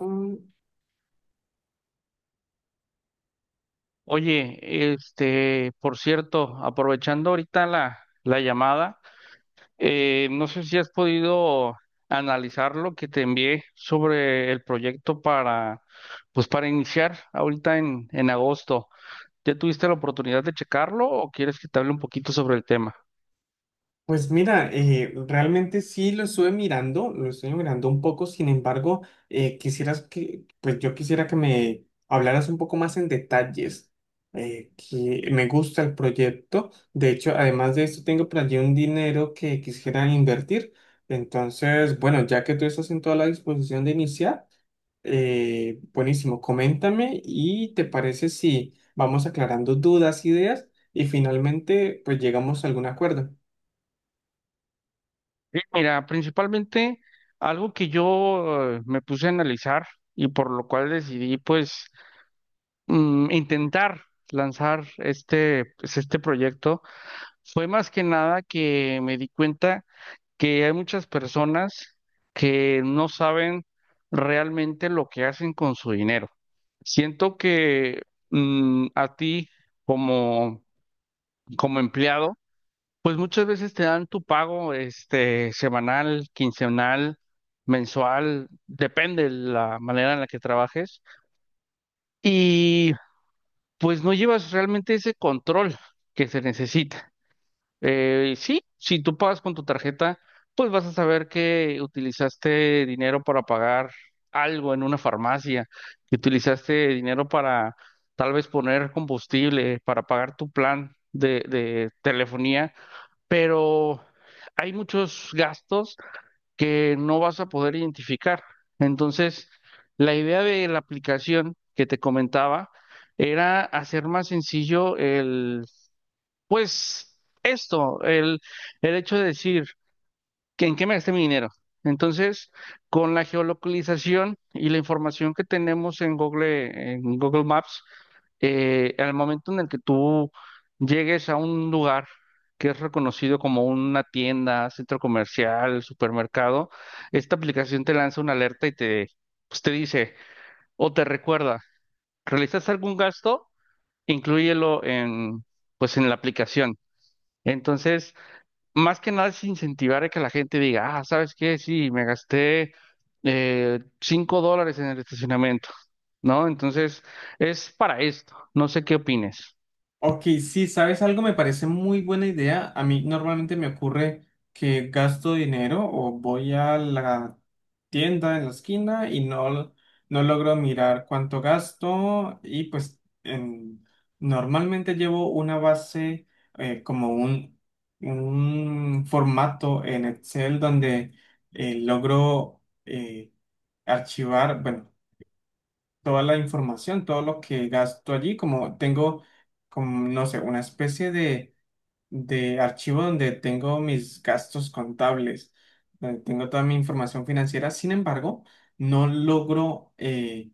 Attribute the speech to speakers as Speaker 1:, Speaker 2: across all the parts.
Speaker 1: Mm.
Speaker 2: Oye, por cierto, aprovechando ahorita la llamada, no sé si has podido analizar lo que te envié sobre el proyecto para, pues para iniciar ahorita en agosto. ¿Ya tuviste la oportunidad de checarlo o quieres que te hable un poquito sobre el tema?
Speaker 1: Pues mira, realmente sí lo estuve mirando, lo estoy mirando un poco. Sin embargo, quisieras que, pues yo quisiera que me hablaras un poco más en detalles, que me gusta el proyecto. De hecho, además de esto, tengo por allí un dinero que quisiera invertir. Entonces, bueno, ya que tú estás en toda la disposición de iniciar, buenísimo, coméntame y te parece si vamos aclarando dudas, ideas y finalmente, pues llegamos a algún acuerdo.
Speaker 2: Sí, mira, principalmente algo que yo me puse a analizar y por lo cual decidí pues intentar lanzar este proyecto. Fue más que nada que me di cuenta que hay muchas personas que no saben realmente lo que hacen con su dinero. Siento que a ti como, como empleado, pues muchas veces te dan tu pago este semanal, quincenal, mensual, depende de la manera en la que trabajes, y pues no llevas realmente ese control que se necesita. Sí, si tú pagas con tu tarjeta, pues vas a saber que utilizaste dinero para pagar algo en una farmacia, que utilizaste dinero para tal vez poner combustible, para pagar tu plan de telefonía, pero hay muchos gastos que no vas a poder identificar. Entonces, la idea de la aplicación que te comentaba era hacer más sencillo pues esto, el hecho de decir que en qué me gasté mi dinero. Entonces, con la geolocalización y la información que tenemos en Google Maps, al momento en el que tú llegues a un lugar que es reconocido como una tienda, centro comercial, supermercado, esta aplicación te lanza una alerta y te, pues, te dice o te recuerda, ¿realizaste algún gasto? Inclúyelo en, pues, en la aplicación. Entonces, más que nada es incentivar a que la gente diga, ah, ¿sabes qué? Sí, me gasté $5 en el estacionamiento, ¿no? Entonces, es para esto. No sé qué opines.
Speaker 1: Ok, sí, ¿sabes algo? Me parece muy buena idea. A mí normalmente me ocurre que gasto dinero o voy a la tienda en la esquina y no logro mirar cuánto gasto. Y pues normalmente llevo una base como un formato en Excel donde logro archivar, bueno, toda la información, todo lo que gasto allí. Como tengo, como, no sé, una especie de archivo donde tengo mis gastos contables, donde tengo toda mi información financiera. Sin embargo, no logro,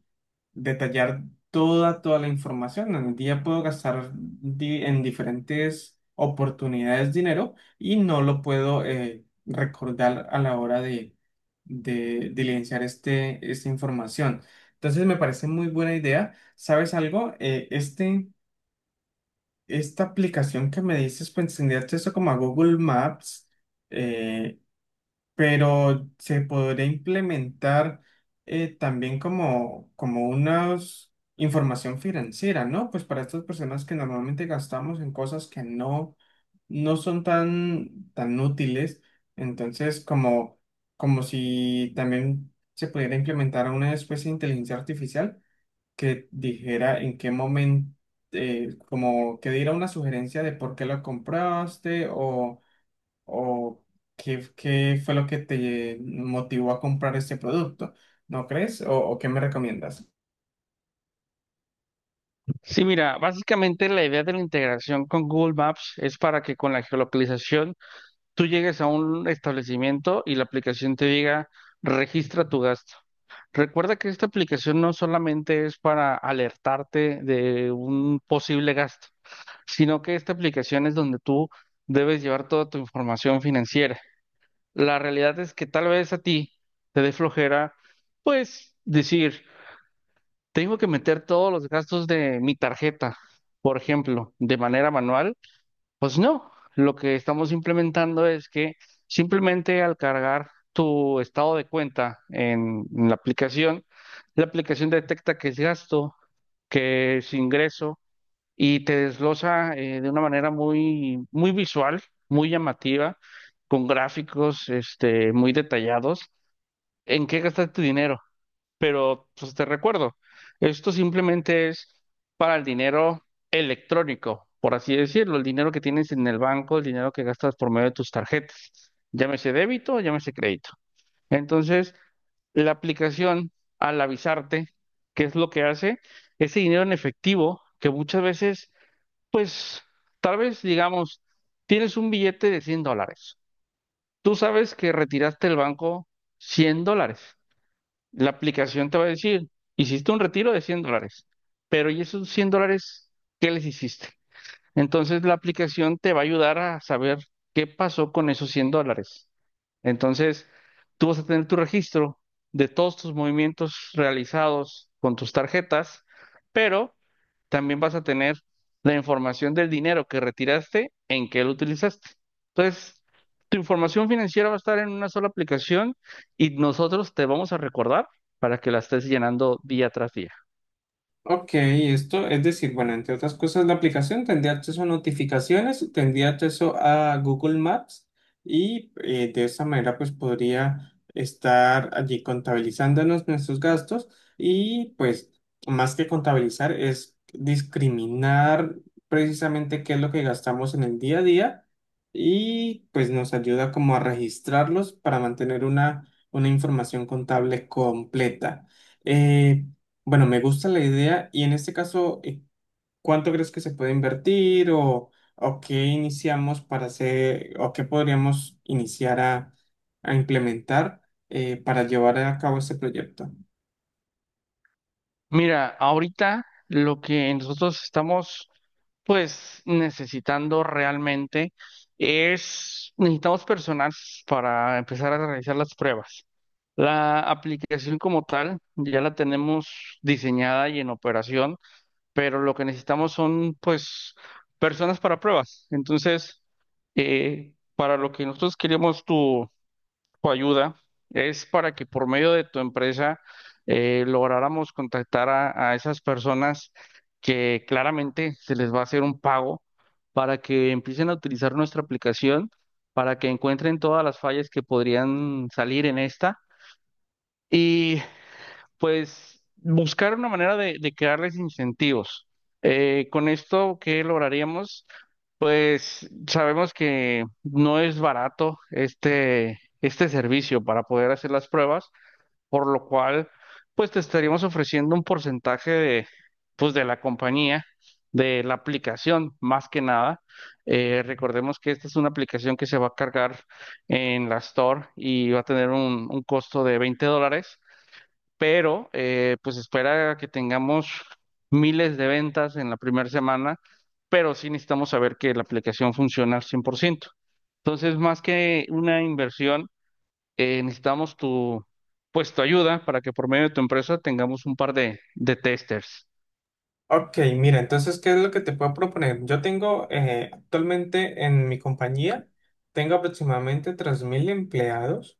Speaker 1: detallar toda la información. En el día puedo gastar en diferentes oportunidades dinero y no lo puedo recordar a la hora de diligenciar este, esta información. Entonces me parece muy buena idea. ¿Sabes algo? Esta aplicación que me dices, pues tendría acceso como a Google Maps. Eh, pero se podría implementar también como, como una información financiera, ¿no? Pues para estas personas que normalmente gastamos en cosas que no son tan útiles. Entonces como, como si también se pudiera implementar una especie de inteligencia artificial que dijera en qué momento, como que diera una sugerencia de por qué lo compraste o qué fue lo que te motivó a comprar este producto, ¿no crees? O qué me recomiendas?
Speaker 2: Sí, mira, básicamente la idea de la integración con Google Maps es para que con la geolocalización tú llegues a un establecimiento y la aplicación te diga, registra tu gasto. Recuerda que esta aplicación no solamente es para alertarte de un posible gasto, sino que esta aplicación es donde tú debes llevar toda tu información financiera. La realidad es que tal vez a ti te dé flojera, pues decir, tengo que meter todos los gastos de mi tarjeta, por ejemplo, de manera manual. Pues no, lo que estamos implementando es que simplemente al cargar tu estado de cuenta en la aplicación detecta que es gasto, que es ingreso y te desglosa de una manera muy, muy visual, muy llamativa, con gráficos muy detallados, en qué gastar tu dinero. Pero pues te recuerdo, esto simplemente es para el dinero electrónico, por así decirlo, el dinero que tienes en el banco, el dinero que gastas por medio de tus tarjetas, llámese débito, llámese crédito. Entonces, la aplicación, al avisarte qué es lo que hace, ese dinero en efectivo, que muchas veces pues tal vez, digamos, tienes un billete de 100 dólares. Tú sabes que retiraste del banco 100 dólares. La aplicación te va a decir, hiciste un retiro de 100 dólares, pero ¿y esos 100 dólares qué les hiciste? Entonces la aplicación te va a ayudar a saber qué pasó con esos 100 dólares. Entonces, tú vas a tener tu registro de todos tus movimientos realizados con tus tarjetas, pero también vas a tener la información del dinero que retiraste, en qué lo utilizaste. Entonces, tu información financiera va a estar en una sola aplicación y nosotros te vamos a recordar para que la estés llenando día tras día.
Speaker 1: Ok, esto es decir, bueno, entre otras cosas, la aplicación tendría acceso a notificaciones, tendría acceso a Google Maps y de esa manera pues podría estar allí contabilizándonos nuestros gastos. Y pues más que contabilizar es discriminar precisamente qué es lo que gastamos en el día a día, y pues nos ayuda como a registrarlos para mantener una información contable completa. Eh, bueno, me gusta la idea y en este caso, ¿cuánto crees que se puede invertir o qué iniciamos para hacer o qué podríamos iniciar a implementar para llevar a cabo este proyecto?
Speaker 2: Mira, ahorita lo que nosotros estamos pues necesitando realmente es, necesitamos personal para empezar a realizar las pruebas. La aplicación como tal ya la tenemos diseñada y en operación. Pero lo que necesitamos son, pues, personas para pruebas. Entonces, para lo que nosotros queríamos tu ayuda es para que por medio de tu empresa lográramos contactar a esas personas que claramente se les va a hacer un pago para que empiecen a utilizar nuestra aplicación, para que encuentren todas las fallas que podrían salir en esta. Y pues buscar una manera de crearles incentivos. Con esto, ¿qué lograríamos? Pues sabemos que no es barato este servicio para poder hacer las pruebas, por lo cual, pues te estaríamos ofreciendo un porcentaje de, pues, de la compañía, de la aplicación, más que nada. Recordemos que esta es una aplicación que se va a cargar en la Store y va a tener un costo de 20 dólares, pero pues espera que tengamos miles de ventas en la primera semana, pero sí necesitamos saber que la aplicación funciona al 100%. Entonces, más que una inversión, necesitamos tu, pues, tu ayuda para que por medio de tu empresa tengamos un par de testers.
Speaker 1: Ok, mira, entonces, ¿qué es lo que te puedo proponer? Yo tengo actualmente en mi compañía, tengo aproximadamente 3000 empleados.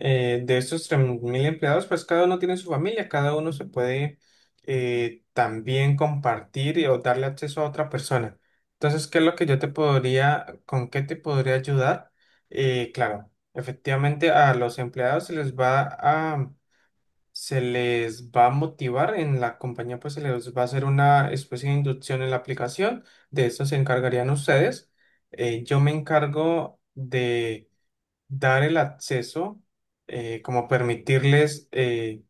Speaker 1: De esos 3000 empleados, pues cada uno tiene su familia, cada uno se puede también compartir o darle acceso a otra persona. Entonces, ¿qué es lo que yo te podría, con qué te podría ayudar? Claro, efectivamente a los empleados se les va a motivar en la compañía, pues se les va a hacer una especie de inducción en la aplicación. De eso se encargarían ustedes. Yo me encargo de dar el acceso, como permitirles. eh,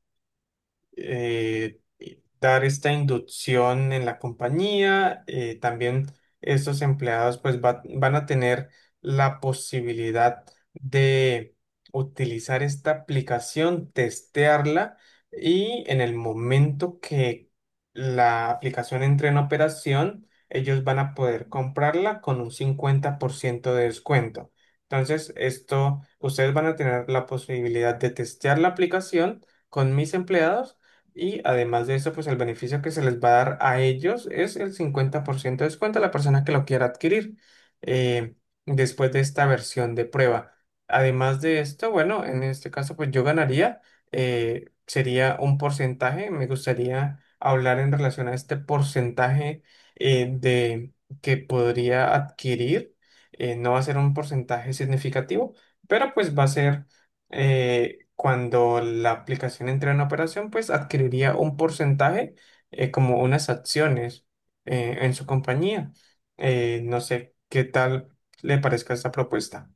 Speaker 1: eh, eh, Dar esta inducción en la compañía. También estos empleados pues van a tener la posibilidad de utilizar esta aplicación, testearla, y en el momento que la aplicación entre en operación, ellos van a poder comprarla con un 50% de descuento. Entonces, esto, ustedes van a tener la posibilidad de testear la aplicación con mis empleados, y además de eso, pues el beneficio que se les va a dar a ellos es el 50% de descuento a la persona que lo quiera adquirir eh, después de esta versión de prueba. Además de esto, bueno, en este caso, pues yo ganaría, sería un porcentaje. Me gustaría hablar en relación a este porcentaje de que podría adquirir. No va a ser un porcentaje significativo, pero pues va a ser cuando la aplicación entra en operación, pues adquiriría un porcentaje, como unas acciones en su compañía. No sé qué tal le parezca esta propuesta.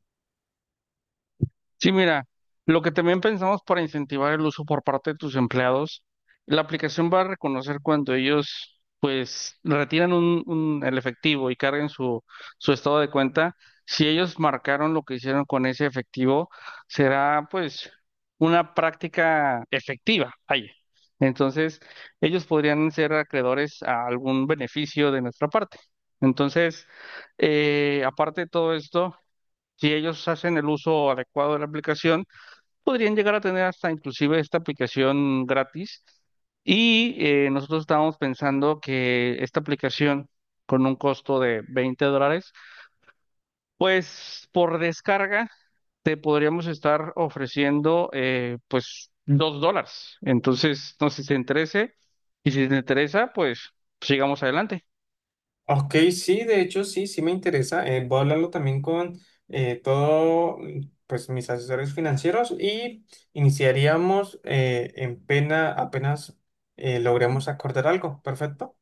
Speaker 2: Sí, mira, lo que también pensamos para incentivar el uso por parte de tus empleados, la aplicación va a reconocer cuando ellos pues retiran un- el efectivo y carguen su, su estado de cuenta. Si ellos marcaron lo que hicieron con ese efectivo, será pues una práctica efectiva. Ahí. Entonces, ellos podrían ser acreedores a algún beneficio de nuestra parte. Entonces, aparte de todo esto, si ellos hacen el uso adecuado de la aplicación, podrían llegar a tener hasta inclusive esta aplicación gratis. Y nosotros estábamos pensando que esta aplicación con un costo de 20 dólares, pues por descarga te podríamos estar ofreciendo pues 2 dólares. Entonces, no sé si te interese y si te interesa, pues sigamos adelante.
Speaker 1: Ok, sí, de hecho, sí, sí me interesa. Voy a hablarlo también con todo, mm, pues mis asesores financieros, y iniciaríamos en pena apenas logremos acordar algo. Perfecto.